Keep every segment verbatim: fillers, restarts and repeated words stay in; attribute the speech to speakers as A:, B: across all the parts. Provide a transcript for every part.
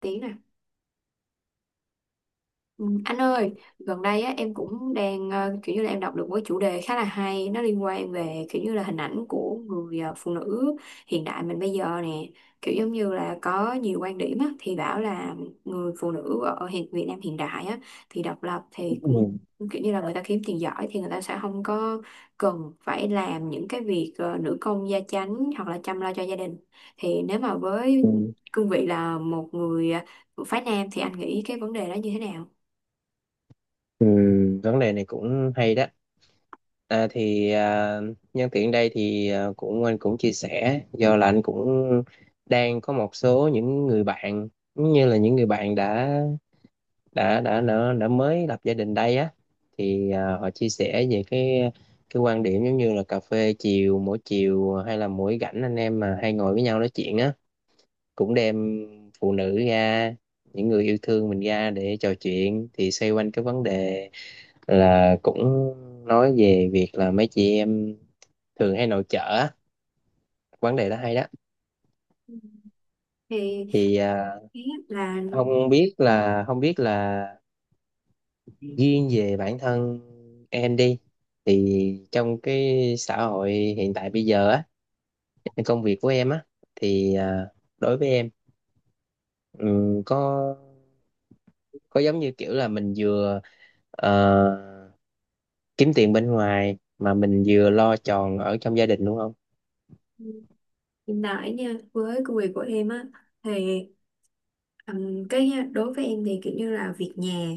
A: Tí này. Ừ, anh ơi, gần đây á, em cũng đang ờ, kiểu như là em đọc được một cái chủ đề khá là hay, nó liên quan về kiểu như là hình ảnh của người ờ, phụ nữ hiện đại mình bây giờ nè, kiểu giống như là có nhiều quan điểm á, thì bảo là người phụ nữ ở hiện Việt Nam hiện đại á, thì độc lập thì cũng
B: Ừ,
A: kiểu như là người ta kiếm tiền giỏi thì người ta sẽ không có cần phải làm những cái việc ờ, nữ công gia chánh hoặc là chăm lo cho gia đình, thì nếu mà với
B: ừ,
A: cương vị là một người ờ, phái nam thì anh nghĩ cái vấn đề đó như thế nào?
B: ừ, vấn đề này cũng hay đó. à, thì à, Nhân tiện đây thì à, cũng anh cũng chia sẻ, do là anh cũng đang có một số những người bạn, giống như là những người bạn đã đã đã đã, đã mới lập gia đình đây á, thì à, họ chia sẻ về cái cái quan điểm giống như là cà phê chiều mỗi chiều, hay là mỗi rảnh anh em mà hay ngồi với nhau nói chuyện á, cũng đem phụ nữ ra, những người yêu thương mình ra để trò chuyện, thì xoay quanh cái vấn đề là cũng nói về việc là mấy chị em thường hay nội trợ á. Vấn đề đó hay đó.
A: Thì
B: thì à,
A: ý là
B: không biết là không biết là
A: hiện
B: riêng về bản thân em đi, thì trong cái xã hội hiện tại bây giờ á, cái công việc của em á, thì à, đối với em, ừm, có có giống như kiểu là mình vừa ờ, kiếm tiền bên ngoài mà mình vừa lo tròn ở trong gia đình, đúng không?
A: tại nha, với công việc của em á thì ừm, cái đối với em thì kiểu như là việc nhà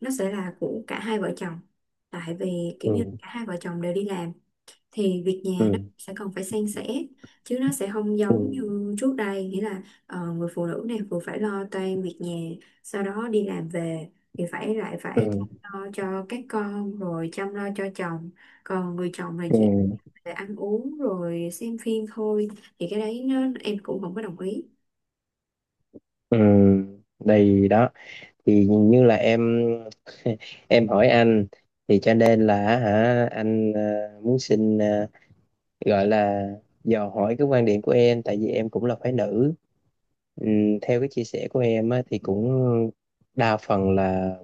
A: nó sẽ là của cả hai vợ chồng, tại vì kiểu như cả
B: Ừ.
A: hai vợ chồng đều đi làm thì việc nhà nó
B: Ừ.
A: sẽ còn phải san sẻ, chứ nó sẽ không
B: Ừ.
A: giống như trước đây, nghĩa là ờ, người phụ nữ này vừa phải lo toan việc nhà, sau đó đi làm về thì phải lại
B: Ừ.
A: phải lo cho các con rồi chăm lo cho chồng, còn người chồng là
B: Ừ.
A: chỉ về ăn uống rồi xem phim thôi, thì cái đấy nó, em cũng không có đồng ý.
B: Ừ, đây đó. Thì nhìn như là em em hỏi anh, thì cho nên là hả anh, ờ, muốn xin, ờ, gọi là dò hỏi cái quan điểm của em, tại vì em cũng là phái nữ. Ừm, theo cái chia sẻ của em á, thì cũng đa phần là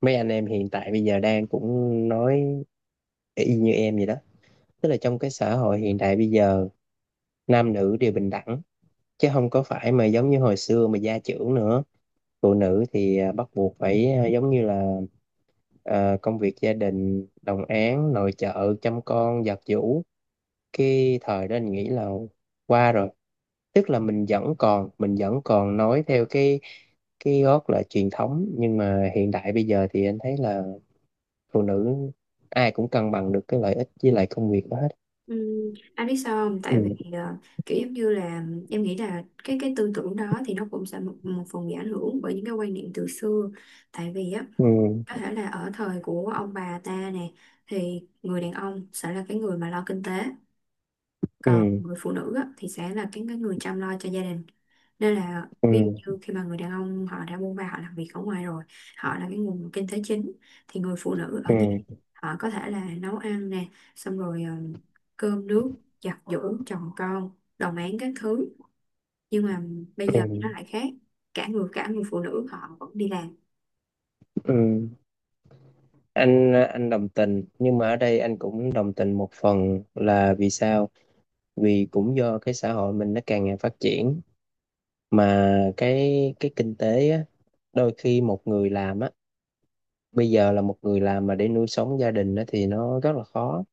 B: mấy anh em hiện tại bây giờ đang cũng nói y như em vậy đó. Tức là trong cái xã hội hiện đại bây giờ, nam nữ đều bình đẳng, chứ không có phải mà giống như hồi xưa mà gia trưởng nữa. Phụ nữ thì à, bắt buộc phải, à, giống như là, à, công việc gia đình, đồng áng, nội trợ, chăm con, giặt giũ, cái thời đó anh nghĩ là qua rồi. Tức là mình vẫn còn, mình vẫn còn nói theo cái cái gót là truyền thống, nhưng mà hiện đại bây giờ thì anh thấy là phụ nữ ai cũng cân bằng được cái lợi ích với lại công việc đó hết.
A: Ừm, anh biết sao không? Tại vì
B: Ừ.
A: ờ, kiểu giống như là em nghĩ là cái cái tư tưởng đó thì nó cũng sẽ một, một phần bị ảnh hưởng bởi những cái quan niệm từ xưa, tại vì á có
B: Ừ.
A: thể là ở thời của ông bà ta nè, thì người đàn ông sẽ là cái người mà lo kinh tế, còn
B: Ừ.
A: người phụ nữ á, thì sẽ là cái, cái người chăm lo cho gia đình, nên là
B: Ừ.
A: ví dụ khi mà người đàn ông họ đã buôn ba họ làm việc ở ngoài rồi, họ là cái nguồn kinh tế chính, thì người phụ nữ ở nhà
B: Ừ.
A: họ có thể là nấu ăn nè, xong rồi ờ, cơm nước, giặt giũ chồng con, đồng áng các thứ, nhưng mà bây
B: Ừ.
A: giờ
B: Ừ.
A: nó lại khác, cả người cả người phụ nữ họ vẫn đi làm.
B: Ừ. anh anh đồng tình, nhưng mà ở đây anh cũng đồng tình một phần là vì sao, vì cũng do cái xã hội mình nó càng ngày phát triển, mà cái cái kinh tế á, đôi khi một người làm á, bây giờ là một người làm mà để nuôi sống gia đình á, thì nó rất là khó.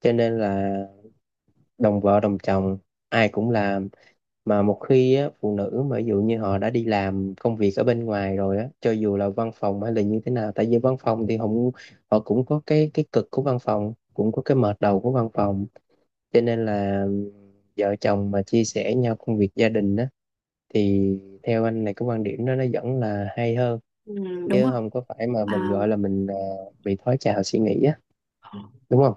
B: Cho nên là đồng vợ đồng chồng, ai cũng làm. Mà một khi á, phụ nữ mà ví dụ như họ đã đi làm công việc ở bên ngoài rồi á, cho dù là văn phòng hay là như thế nào, tại vì văn phòng thì họ, cũng- họ cũng có cái cái cực của văn phòng, cũng có cái mệt đầu của văn phòng, cho nên là vợ chồng mà chia sẻ nhau công việc gia đình á, thì theo anh này, cái quan điểm đó nó vẫn là hay hơn,
A: Ừ, đúng
B: chứ
A: rồi.
B: không có phải mà mình
A: À,
B: gọi là mình ờ, bị thói trào suy nghĩ á, đúng không?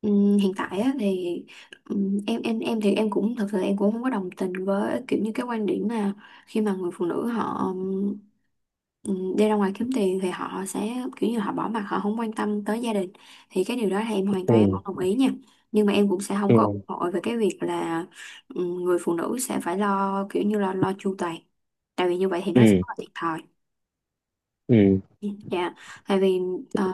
A: ừm, hiện tại á, thì ừm, em em em thì em cũng thật sự em cũng không có đồng tình với kiểu như cái quan điểm mà khi mà người phụ nữ họ ừm, ừm, đi ra ngoài kiếm tiền thì họ sẽ kiểu như họ bỏ mặc, họ không quan tâm tới gia đình, thì cái điều đó thì em hoàn toàn em
B: Ừ.
A: không đồng ý nha, nhưng mà em cũng sẽ không có ủng
B: Ừ.
A: hộ về cái việc là ừm, người phụ nữ sẽ phải lo kiểu như là lo chu toàn, tại vì như vậy thì nó sẽ
B: Ừ.
A: rất là thiệt thòi.
B: Ừ.
A: Dạ, tại vì ờ,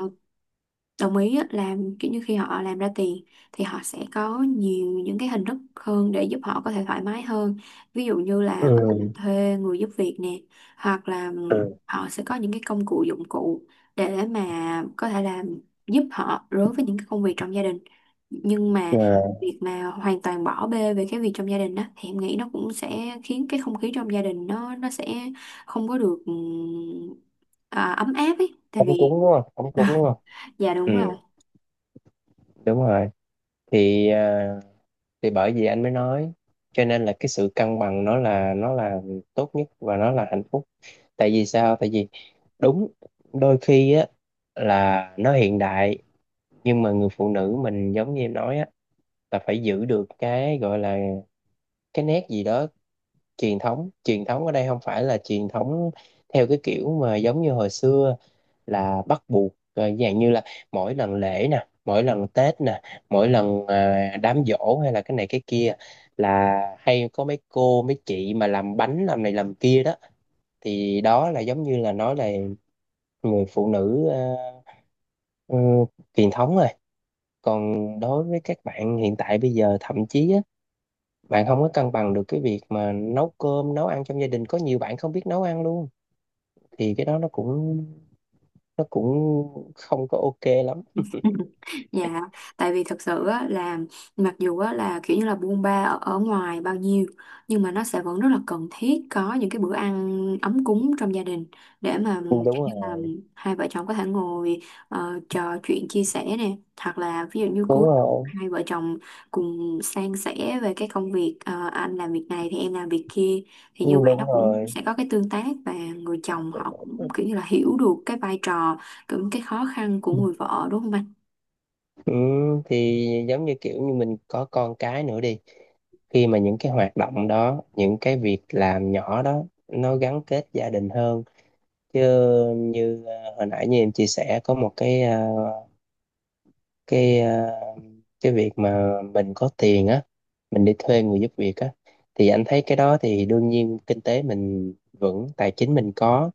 A: đồng ý á, là kiểu như khi họ làm ra tiền thì họ sẽ có nhiều những cái hình thức hơn để giúp họ có thể thoải mái hơn, ví dụ như là có thể
B: Ừ.
A: thuê người giúp việc nè, hoặc là
B: Ừ.
A: họ sẽ có những cái công cụ dụng cụ để mà có thể làm giúp họ đối với những cái công việc trong gia đình, nhưng mà
B: Ờ,
A: việc mà hoàn toàn bỏ bê về cái việc trong gia đình đó thì em nghĩ nó cũng sẽ khiến cái không khí trong gia đình nó nó sẽ không có được ừm, à, ấm áp ấy, tại
B: Ống cúng
A: vì
B: đúng không, ống cúng đúng không?
A: dạ
B: Ừ,
A: đúng rồi.
B: đúng rồi. thì à, thì bởi vì anh mới nói, cho nên là cái sự cân bằng nó là, nó là tốt nhất và nó là hạnh phúc. Tại vì sao, tại vì đúng, đôi khi á, là nó hiện đại, nhưng mà người phụ nữ mình giống như em nói á, là phải giữ được cái gọi là cái nét gì đó truyền thống. Truyền thống ở đây không phải là truyền thống theo cái kiểu mà giống như hồi xưa, là bắt buộc, ờ, dạng như là mỗi lần lễ nè, mỗi lần Tết nè, mỗi lần à, đám giỗ, hay là cái này cái kia, là hay có mấy cô mấy chị mà làm bánh, làm này làm kia đó, thì đó là giống như là nói là người phụ nữ ờ, ừ, truyền thống rồi. Còn đối với các bạn hiện tại bây giờ, thậm chí á, bạn không có cân bằng được cái việc mà nấu cơm nấu ăn trong gia đình, có nhiều bạn không biết nấu ăn luôn, thì cái đó nó cũng nó cũng không có ok lắm.
A: Dạ, tại vì thật sự á, là mặc dù á, là kiểu như là buôn ba ở, ở ngoài bao nhiêu, nhưng mà nó sẽ vẫn rất là cần thiết có những cái bữa ăn ấm cúng trong gia đình, để mà
B: Ừ, đúng
A: kiểu như
B: rồi,
A: là hai vợ chồng có thể ngồi ờ, trò chuyện chia sẻ nè, hoặc là ví dụ như
B: đúng
A: cuối tuần
B: rồi.
A: hai vợ chồng cùng san sẻ về cái công việc, ờ, anh làm việc này thì em làm việc kia, thì
B: Ừ,
A: như vậy
B: đúng
A: nó cũng
B: rồi.
A: sẽ có cái tương tác, và người chồng họ cũng kiểu như là hiểu được cái vai trò, cũng cái khó khăn của người vợ, đúng không anh?
B: Ừ, thì giống như kiểu như mình có con cái nữa đi, khi mà những cái hoạt động đó, những cái việc làm nhỏ đó, nó gắn kết gia đình hơn. Chứ như ờ, hồi nãy như em chia sẻ, có một cái ờ, cái ờ, cái việc mà mình có tiền á, mình đi thuê người giúp việc á, thì anh thấy cái đó thì đương nhiên, kinh tế mình vững, tài chính mình có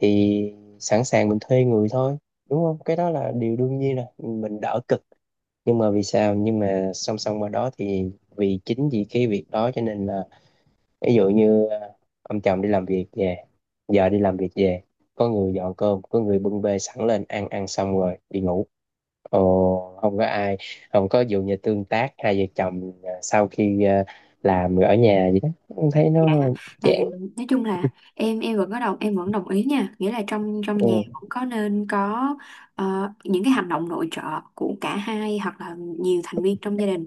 B: thì sẵn sàng mình thuê người thôi, đúng không, cái đó là điều đương nhiên rồi, mình đỡ cực. Nhưng mà vì sao, nhưng mà song song qua đó thì vì chính vì cái việc đó cho nên là, ví dụ như à, ông chồng đi làm việc về, vợ đi làm việc về, có người dọn cơm, có người bưng bê sẵn lên, ăn ăn xong rồi đi ngủ, ồ không có ai, không có dụ như tương tác hai vợ chồng à, sau khi à, làm rồi ở nhà gì đó. Em thấy
A: Dạ,
B: nó
A: tại
B: chán.
A: vì nói chung là em em vẫn có đồng em vẫn đồng ý nha, nghĩa là trong trong nhà
B: Ừ.
A: vẫn có nên có ờ, những cái hành động nội trợ của cả hai hoặc là nhiều thành viên trong gia đình.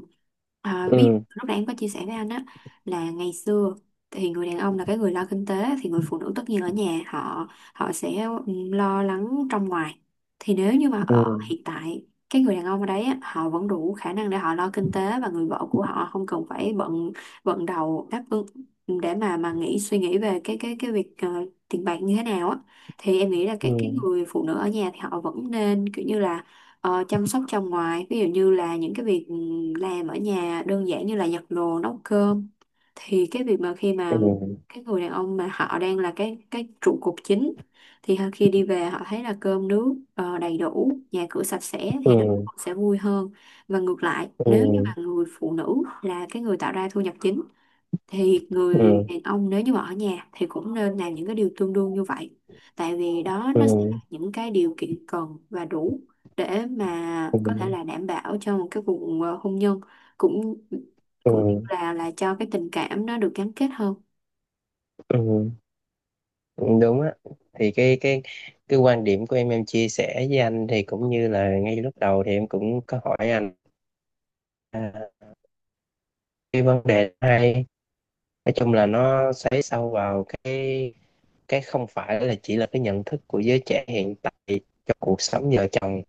A: À, ví dụ
B: Ừ.
A: lúc nãy em có chia sẻ với anh á, là ngày xưa thì người đàn ông là cái người lo kinh tế, thì người phụ nữ tất nhiên ở nhà họ họ sẽ ừ, lo lắng trong ngoài. Thì nếu như mà
B: Ừ.
A: ở hiện tại cái người đàn ông ở đấy á, họ vẫn đủ khả năng để họ lo kinh tế và người vợ của họ không cần phải bận bận đầu đáp ứng, để mà mà nghĩ suy nghĩ về cái cái cái việc ờ, tiền bạc như thế nào á, thì em nghĩ là
B: Ừ.
A: cái cái người phụ nữ ở nhà thì họ vẫn nên kiểu như là ờ, chăm sóc trong ngoài, ví dụ như là những cái việc ừ, làm ở nhà đơn giản như là giặt đồ nấu cơm, thì cái việc mà khi
B: Ừ.
A: mà
B: Ừ.
A: cái người đàn ông mà họ đang là cái cái trụ cột chính thì họ- khi đi về họ thấy là cơm nước ờ, đầy đủ, nhà cửa sạch sẽ thì nó
B: Ừ.
A: sẽ vui hơn, và ngược lại nếu như
B: Ừ.
A: mà người phụ nữ là cái người tạo ra thu nhập chính, thì người
B: Ừ.
A: đàn ông nếu như mà ở nhà thì cũng nên làm những cái điều tương đương như vậy, tại vì đó nó sẽ là
B: Ừ.
A: những cái điều kiện cần và đủ để mà
B: Ừ.
A: có thể là đảm bảo cho một cái cuộc ờ, hôn nhân, cũng
B: Ừ.
A: cũng như là là cho cái tình cảm nó được gắn kết hơn.
B: Ừ. Ừ, đúng á. Thì cái cái cái quan điểm của em em chia sẻ với anh thì cũng như là ngay lúc đầu thì em cũng có hỏi anh, à, cái vấn đề hay, nói chung là nó xoáy sâu vào cái cái không phải là chỉ là cái nhận thức của giới trẻ hiện tại cho cuộc sống vợ chồng,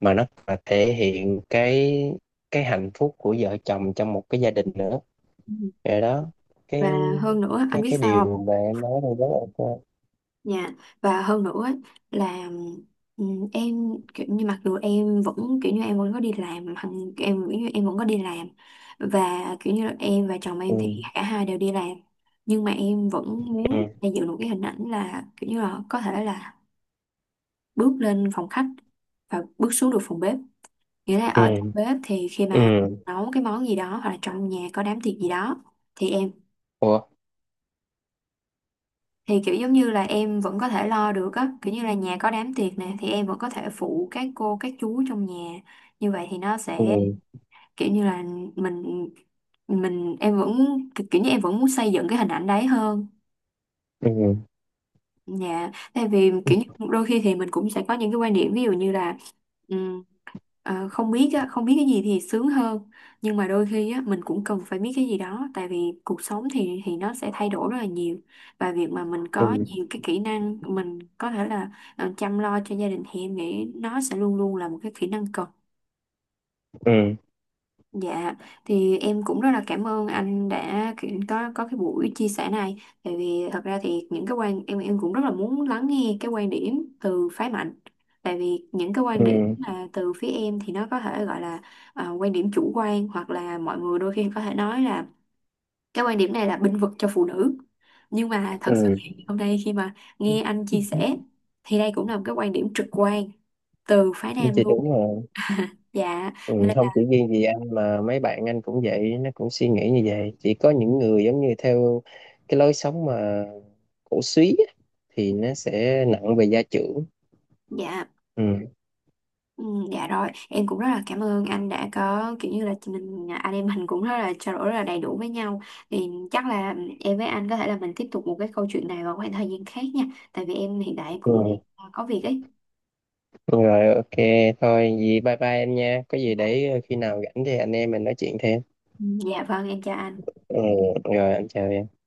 B: mà nó còn là thể hiện cái cái hạnh phúc của vợ chồng trong một cái gia đình nữa.
A: Ừ.
B: Rồi đó. cái
A: Và hơn nữa anh
B: cái
A: biết
B: cái
A: sao không?
B: điều mà em nói đây rất ok.
A: Dạ, và hơn nữa ấy, là ừm, em kiểu như mặc dù em vẫn kiểu như em vẫn có đi làm hằng, em kiểu như em vẫn có đi làm, và kiểu như là em và chồng em thì
B: Ừ.
A: cả hai đều đi làm, nhưng mà em vẫn muốn
B: Ừ.
A: xây dựng một cái hình ảnh là kiểu như là có thể là bước lên phòng khách và bước xuống được phòng bếp, nghĩa là ở trong
B: Ừ.
A: bếp thì khi mà
B: Ừ.
A: nấu cái món gì đó hoặc là trong nhà có đám tiệc gì đó, thì em
B: Ủa.
A: thì kiểu giống như là em vẫn có thể lo được á, kiểu như là nhà có đám tiệc nè thì em vẫn có thể phụ các cô các chú trong nhà, như vậy thì nó sẽ
B: Ừ.
A: kiểu như là mình mình em vẫn kiểu như em vẫn muốn xây dựng cái hình ảnh đấy hơn.
B: Ừ.
A: Dạ, tại vì kiểu như đôi khi thì mình cũng sẽ có những cái quan điểm, ví dụ như là ừm, ờ, không biết á, không biết cái gì thì sướng hơn, nhưng mà đôi khi á, mình cũng cần phải biết cái gì đó, tại vì cuộc sống thì thì nó sẽ thay đổi rất là nhiều, và việc mà mình có
B: Ừ.
A: nhiều cái kỹ năng mình có thể là ờ, chăm lo cho gia đình, thì em nghĩ nó sẽ luôn luôn là một cái kỹ năng cần.
B: Ừ.
A: Dạ, thì em cũng rất là cảm ơn anh đã kiểu có có cái buổi chia sẻ này. Tại vì thật ra thì những cái quan em em cũng rất là muốn lắng nghe cái quan điểm từ phái mạnh. Tại vì những cái quan điểm mà từ phía em thì nó có thể gọi là à, quan điểm chủ quan, hoặc là mọi người đôi khi có thể nói là cái quan điểm này là bênh vực cho phụ nữ. Nhưng mà thật sự
B: Ừ.
A: thì hôm nay khi mà nghe anh chia sẻ, thì đây cũng là một cái quan điểm trực quan từ phái
B: Ừ
A: nam
B: chị,
A: luôn.
B: đúng rồi.
A: Dạ,
B: Ừ,
A: nên
B: không
A: là
B: chỉ riêng gì anh mà mấy bạn anh cũng vậy, nó cũng suy nghĩ như vậy. Chỉ có những người giống như theo cái lối sống mà cổ súy á, thì nó sẽ nặng về gia trưởng.
A: dạ.
B: Ừ.
A: Ừ, dạ rồi, em cũng rất là cảm ơn anh đã có kiểu như là chị mình anh em mình cũng rất là trao đổi rất là đầy đủ với nhau. Thì chắc là em với anh có thể là mình tiếp tục một cái câu chuyện này vào khoảng thời gian khác nha. Tại vì em hiện tại cũng
B: Ừ
A: có việc ấy.
B: rồi, ok, thôi gì, bye bye em nha, có gì để ờ, khi nào rảnh thì anh em mình nói chuyện thêm.
A: Ừ. Dạ vâng, em chào anh.
B: Ừ, rồi anh chào em.